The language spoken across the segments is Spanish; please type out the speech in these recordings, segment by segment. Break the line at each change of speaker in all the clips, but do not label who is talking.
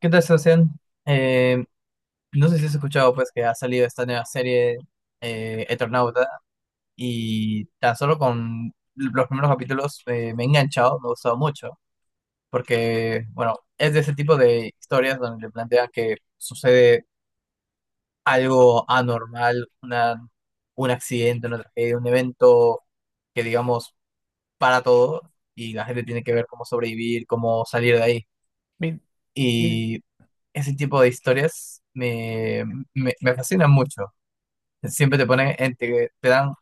¿Qué tal, Sebastián? Eh, no sé si has escuchado pues que ha salido esta nueva serie, Eternauta, y tan solo con los primeros capítulos me he enganchado, me ha gustado mucho, porque bueno, es de ese tipo de historias donde te plantean que sucede algo anormal, una, un accidente, una tragedia, un evento que digamos para todo y la gente tiene que ver cómo sobrevivir, cómo salir de ahí.
Mi- mi-
Y ese tipo de historias me fascinan mucho. Siempre te ponen, te dan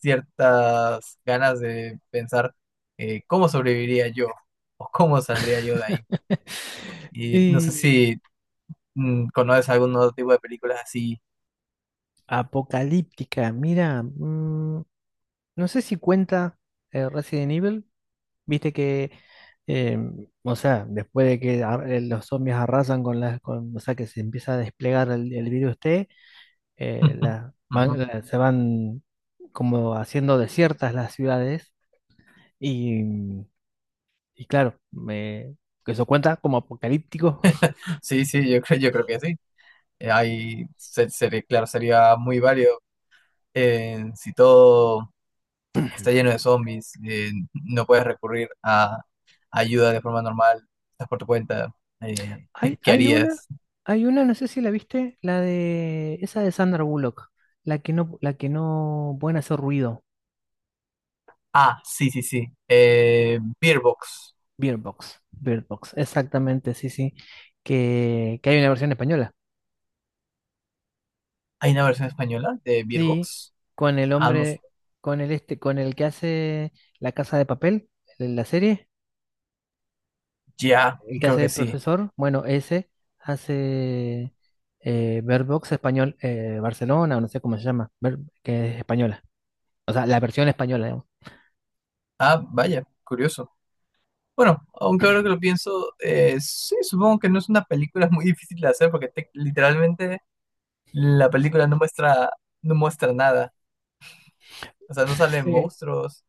ciertas ganas de pensar, cómo sobreviviría yo o cómo saldría yo de ahí. Y no sé
eh,
si conoces algún otro tipo de películas así.
Apocalíptica, mira, no sé si cuenta Resident Evil, viste que, eh, o sea, después de que los zombies arrasan con las, con, o sea, que se empieza a desplegar el virus T,
Ujú.
se van como haciendo desiertas las ciudades y, y claro, me, que eso cuenta como apocalíptico.
Sí, sí, yo creo que sí. Ahí, claro, sería muy válido. Si todo está lleno de zombies, no puedes recurrir a ayuda de forma normal, estás por tu cuenta. eh,
Hay,
¿qué
hay una,
harías?
hay una, no sé si la viste, la de esa de Sandra Bullock, la que no pueden hacer ruido,
Ah, sí, sí, sí. Beerbox.
Bird Box, Bird Box, exactamente, sí, sí, que hay una versión española,
¿Hay una versión española de
sí,
Beerbox?
con el
Ah, no s-
hombre, con el este, con el que hace La Casa de Papel, en la serie,
Ya,
el que
creo
hace de
que sí.
profesor, bueno, ese hace Bird Box español, Barcelona, o no sé cómo se llama, Bird- que es española, o sea, la versión española, digamos.
Ah, vaya, curioso. Bueno, aunque ahora que lo pienso, sí, supongo que no es una película muy difícil de hacer porque literalmente la película no muestra, no muestra nada. O sea, no salen
Sí.
monstruos.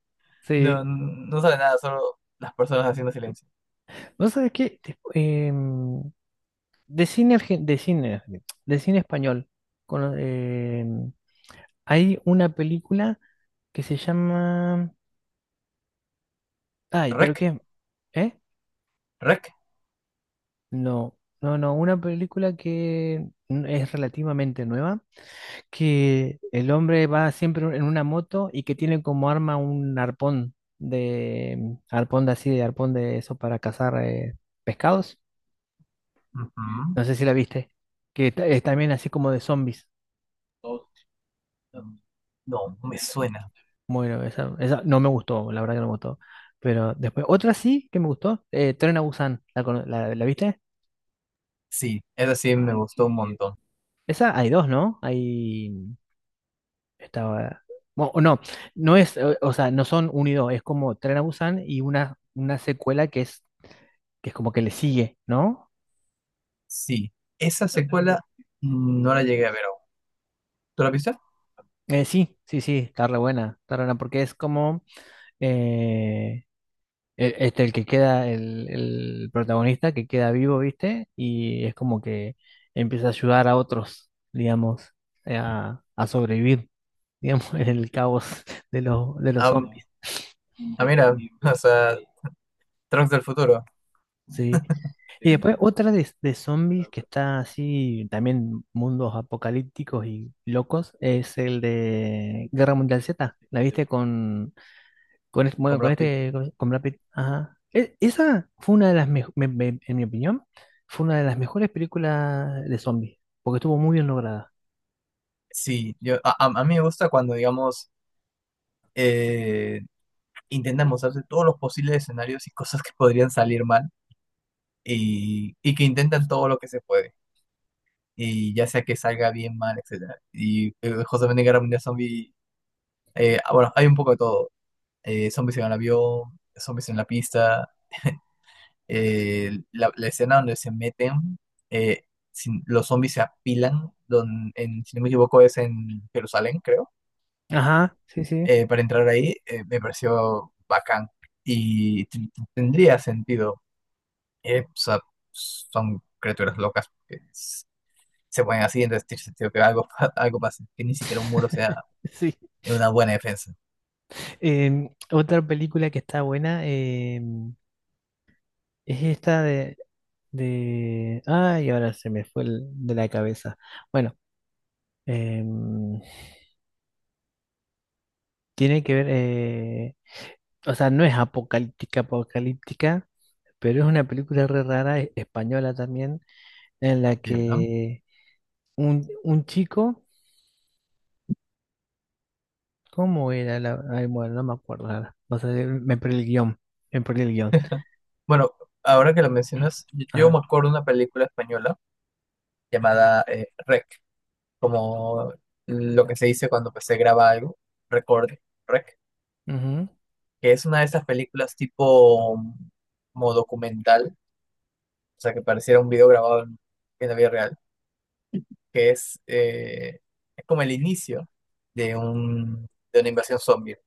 No,
Sí,
no sale nada, solo las personas haciendo silencio.
vos sabés que de cine argen- de cine español cono- em, hay una película que se llama ay, pero
Rec,
qué, ¿eh?
rec.
No, no, no, una película que es relativamente nueva, que el hombre va siempre en una moto y que tiene como arma un arpón de arpón de así, de arpón de eso para cazar pescados.
Ujú.
No sé si la viste, que es también así como de zombies.
No, me suena.
Bueno, esa no me gustó, la verdad que no me gustó. Pero después, otra sí que me gustó, Tren a Busan, ¿la, la viste?
Sí, esa sí me gustó un montón.
Esa hay dos, ¿no? Hay, estaba, bueno, o no, no es, o sea, no son un y dos, es como Tren a Busan y una secuela que es como que le sigue, ¿no?
Sí, esa secuela no la llegué a ver aún. ¿Tú la viste?
Sí, sí, sí, está re buena, porque es como, eh, este, el que queda, el protagonista que queda vivo, ¿viste? Y es como que empieza a ayudar a otros, digamos, a sobrevivir, digamos, en el caos de los
Ah,
zombies,
ah, mira, o sea, Trunks del futuro,
¿sí? Y después otra de zombies que está así, también mundos apocalípticos y locos, es el de Guerra Mundial Z. ¿La viste con,
con
bueno, con
Brad Pitt.
este, con Brad Pitt? Ajá. Esa fue una de las mejores, en mi opinión, fue una de las mejores películas de zombies, porque estuvo muy bien lograda.
Sí, yo, a mí me gusta cuando, digamos, eh, intentan mostrarse todos los posibles escenarios y cosas que podrían salir mal y que intentan todo lo que se puede, y ya sea que salga bien, mal, etcétera. Y justamente en Guerra Mundial Zombie, ah, bueno, hay un poco de todo. Zombies en el avión, zombies en la pista, la, la escena donde se meten, eh, los zombies se apilan, en, si no me equivoco es en Jerusalén, creo.
Ajá, sí, sí.
Para entrar ahí, me pareció bacán y tendría sentido. O sea, son criaturas locas que se ponen así, entonces tiene sentido que algo, algo pase, que ni siquiera un muro sea.
Sí.
Es una buena defensa.
Em, otra película que está buena em, es esta de... Ay, ahora se me fue de la cabeza. Bueno, em, tiene que ver... o sea, no es apocalíptica, apocalíptica, pero es una película re rara, española también, en la
Ya.
que un chico, ¿cómo era la? Ay, bueno, no me acuerdo ahora. O sea, me perdí el guión. Me perdí el guión.
Bueno, ahora que lo mencionas, yo
Ajá.
me acuerdo de una película española llamada, Rec, como lo que se dice cuando pues, se graba algo, recorde, Rec,
Ujú.
que es una de esas películas tipo como documental, o sea, que pareciera un video grabado en la vida real, que es como el inicio de, un, de una invasión zombie.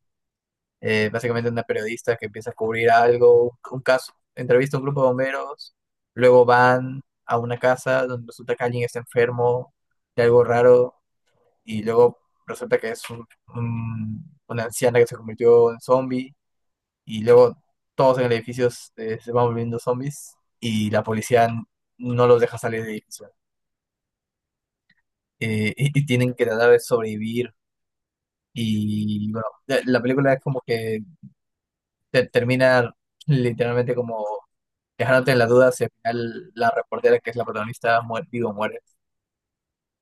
Básicamente una periodista que empieza a cubrir algo, un caso, entrevista a un grupo de bomberos, luego van a una casa donde resulta que alguien está enfermo de algo raro y luego resulta que es una anciana que se convirtió en zombie y luego todos en el edificio, se van volviendo zombies y la policía no los deja salir del edificio. Y, y tienen que tratar de sobrevivir y bueno, la película es como que termina literalmente como dejándote en la duda si al final la reportera que es la protagonista muere, vivo o muere.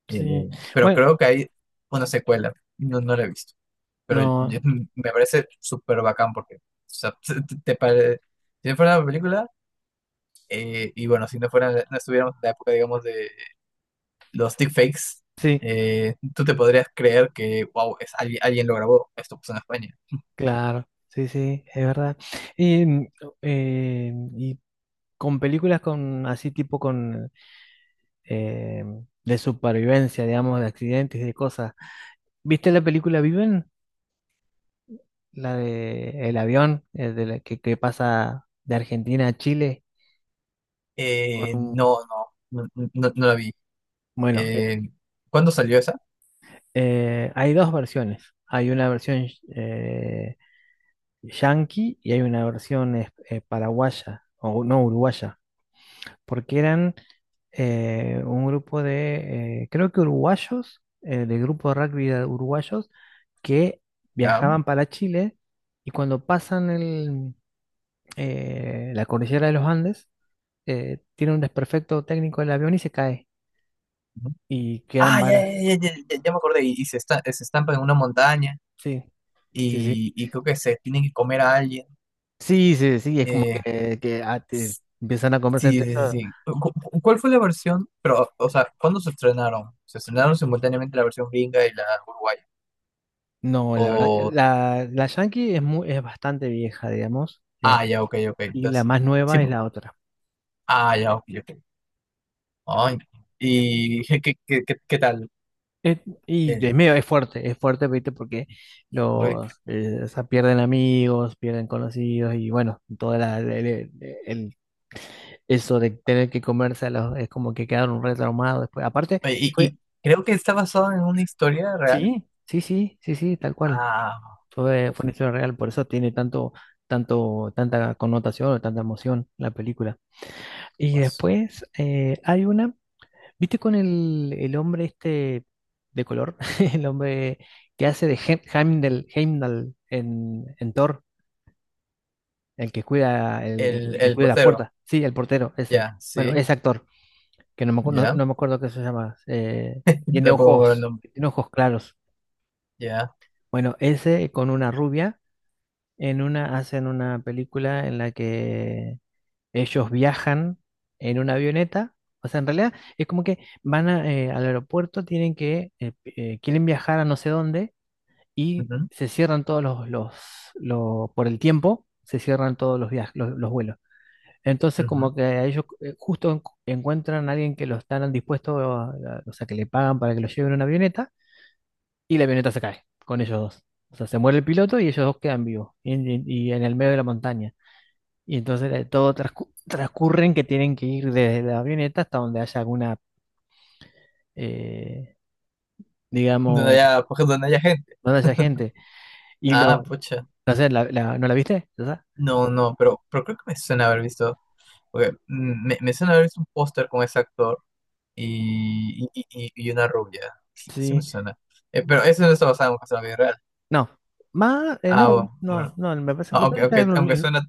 Sí.
Pero
Bueno,
creo que hay una secuela, no, no la he visto, pero
no.
me parece súper bacán porque, o sea, te- te pare- si no fuera una película, y bueno, si no fuera, no estuviéramos en la época, digamos, de los deepfakes,
Sí,
tú te podrías creer que, wow, es, alguien, alguien lo grabó, esto pasó en España.
claro. Sí, sí, es verdad. Y, y con películas con así tipo con eh, de supervivencia, digamos, de accidentes, de cosas. ¿Viste la película Viven? La de el avión, de la que pasa de Argentina a Chile con un,
No, no, no, no, no la vi.
bueno,
Eh, ¿Cuándo salió esa?
hay dos versiones. Hay una versión eh, yanqui y hay una versión paraguaya, o no uruguaya, porque eran un grupo de, creo que uruguayos, del grupo de rugby de uruguayos, que
¿Ya?
viajaban para Chile y cuando pasan la cordillera de los Andes, tiene un desperfecto técnico del avión y se cae y quedan
Ah, ya,
varas.
ya, ya, ya, ya me acordé. Y se, se estampan en una montaña
Sí, sí, sí.
y creo que se tienen que comer a alguien.
Sí, sí, sí, es como
Eh,
que, ah, empiezan a conversar
sí,
entre
sí, sí,
ellos.
sí. ¿Cuál fue la versión? Pero, o sea, ¿cuándo se estrenaron? ¿Se estrenaron simultáneamente la versión gringa y la uruguaya?
No, la verdad,
O,
la, la Yankee es, muy, es bastante vieja, digamos, es-
ah, ya, ok, ok.
y la
Entonces,
más
sí,
nueva es la otra.
ah, ya, ok, ok. Ay, ¿y qué, qué, qué, qué tal?
Es- y
Eh,
es medio, es fuerte, ¿viste? Porque
uy.
los, o sea, pierden amigos, pierden conocidos, y bueno, toda la, el, el- eso de tener que comerse a los, es como que quedaron re traumados después. Aparte,
Oye,
fue,
y creo que está basado en una historia real.
sí, sí, sí, sí, sí, tal cual.
Ah,
Fue, fue una historia real, por eso tiene tanto, tanto, tanta connotación o tanta emoción la película. Y
pues,
después hay una, ¿viste con el hombre este de color? El hombre que hace de Heimdall, Heimdall en Thor, el que
el
cuida las
portero,
puertas. Sí, el portero, ese.
ya,
Bueno,
sí.
ese actor, que no me, no,
Ya,
no me acuerdo qué se llama.
de pongo el nombre.
Tiene ojos claros.
Ya,
Bueno, ese con una rubia en una hacen una película en la que ellos viajan en una avioneta. O sea, en realidad es como que van a, al aeropuerto, tienen que, quieren viajar a no sé dónde y
ujú,
se cierran todos los, por el tiempo, se cierran todos los viajes, los vuelos. Entonces,
ujú.
como que a ellos justo encuentran a alguien que lo están dispuesto, o sea, que le pagan para que lo lleven en una avioneta y la avioneta se cae con ellos dos. O sea, se muere el piloto y ellos dos quedan vivos y, y en el medio de la montaña. Y entonces todo transcurre en que tienen que ir desde la avioneta hasta donde haya alguna, eh,
Donde
digamos,
haya, pues, donde haya gente.
donde haya gente. Y
Ah,
lo,
pucha.
no sé, ¿no la viste? ¿Verdad?
No, no, pero creo que me suena haber visto, porque me suena haber visto un póster con ese actor y, y una rubia. Sí, sí me
Sí,
suena. Pero eso no está basado en un caso de la vida real.
no. Más,
Ah,
no, no,
bueno.
no,
Ah,
me
aunque,
parece que era
aunque,
en un libro.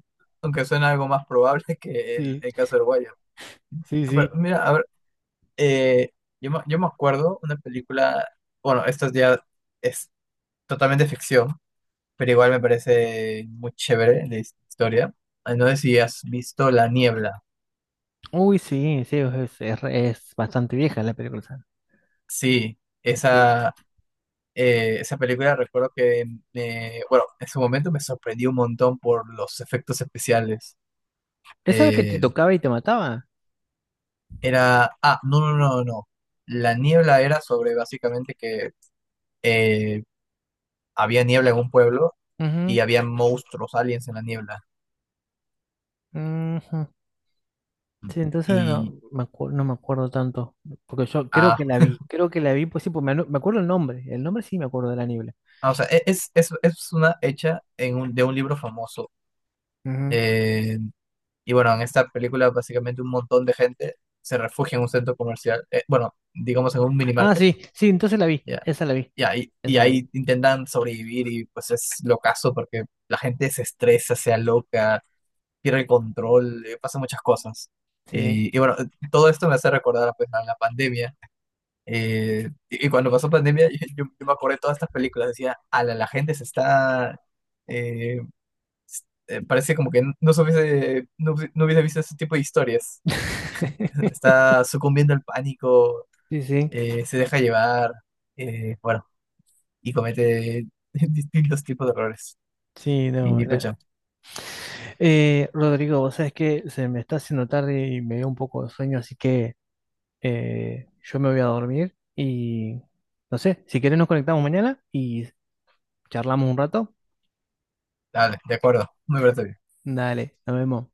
aunque suena algo más probable que
Sí,
el caso del Wire.
sí,
Ah, pero
sí.
mira, a ver, eh, yo, yo me acuerdo una película. Bueno, esto ya es totalmente ficción, pero igual me parece muy chévere la historia. Ah, no sé si has visto La Niebla.
Uy, sí, sí, es, es bastante vieja la película. Esa.
Sí,
Sí, sí.
esa, esa película recuerdo que, bueno, en su momento me sorprendió un montón por los efectos especiales.
¿Esa era la que te
Eh,
tocaba y te mataba?
Era, ah, no, no, no, no. La Niebla era sobre básicamente que eh, había niebla en un pueblo
Ujú,
y había monstruos, aliens en la niebla.
ujú. Sí, entonces
Y,
no me no me acuerdo tanto, porque yo creo que
ah,
la vi, creo que la vi, pues sí, pues me, me acuerdo el nombre sí me acuerdo de la niebla.
ah, o sea, es una hecha en un, de un libro famoso.
Ujú.
Eh, Y bueno, en esta película básicamente un montón de gente se refugia en un centro comercial, bueno, digamos en un
Ah,
minimarket,
sí, sí, entonces la vi,
ya,
esa la vi,
ya, y
esa la vi,
ahí intentan sobrevivir y pues es locazo porque la gente se estresa, se aloca, pierde el control, pasan muchas cosas.
sí.
Y bueno, todo esto me hace recordar pues, a la pandemia. Y, y cuando pasó pandemia, yo me acordé de todas estas películas, decía, a la, la gente se está... eh, parece como que no, se hubiese, no, no hubiese visto ese tipo de historias. Está sucumbiendo al pánico,
Sí, sí,
se deja llevar, bueno, y comete distintos tipos de errores.
sí, no,
Y
la-
pucha,
Rodrigo, vos sabés que se me está haciendo tarde y me dio un poco de sueño, así que yo me voy a dormir y no sé, si querés nos conectamos mañana y charlamos un rato.
dale, de acuerdo, me parece bien.
Dale, nos vemos.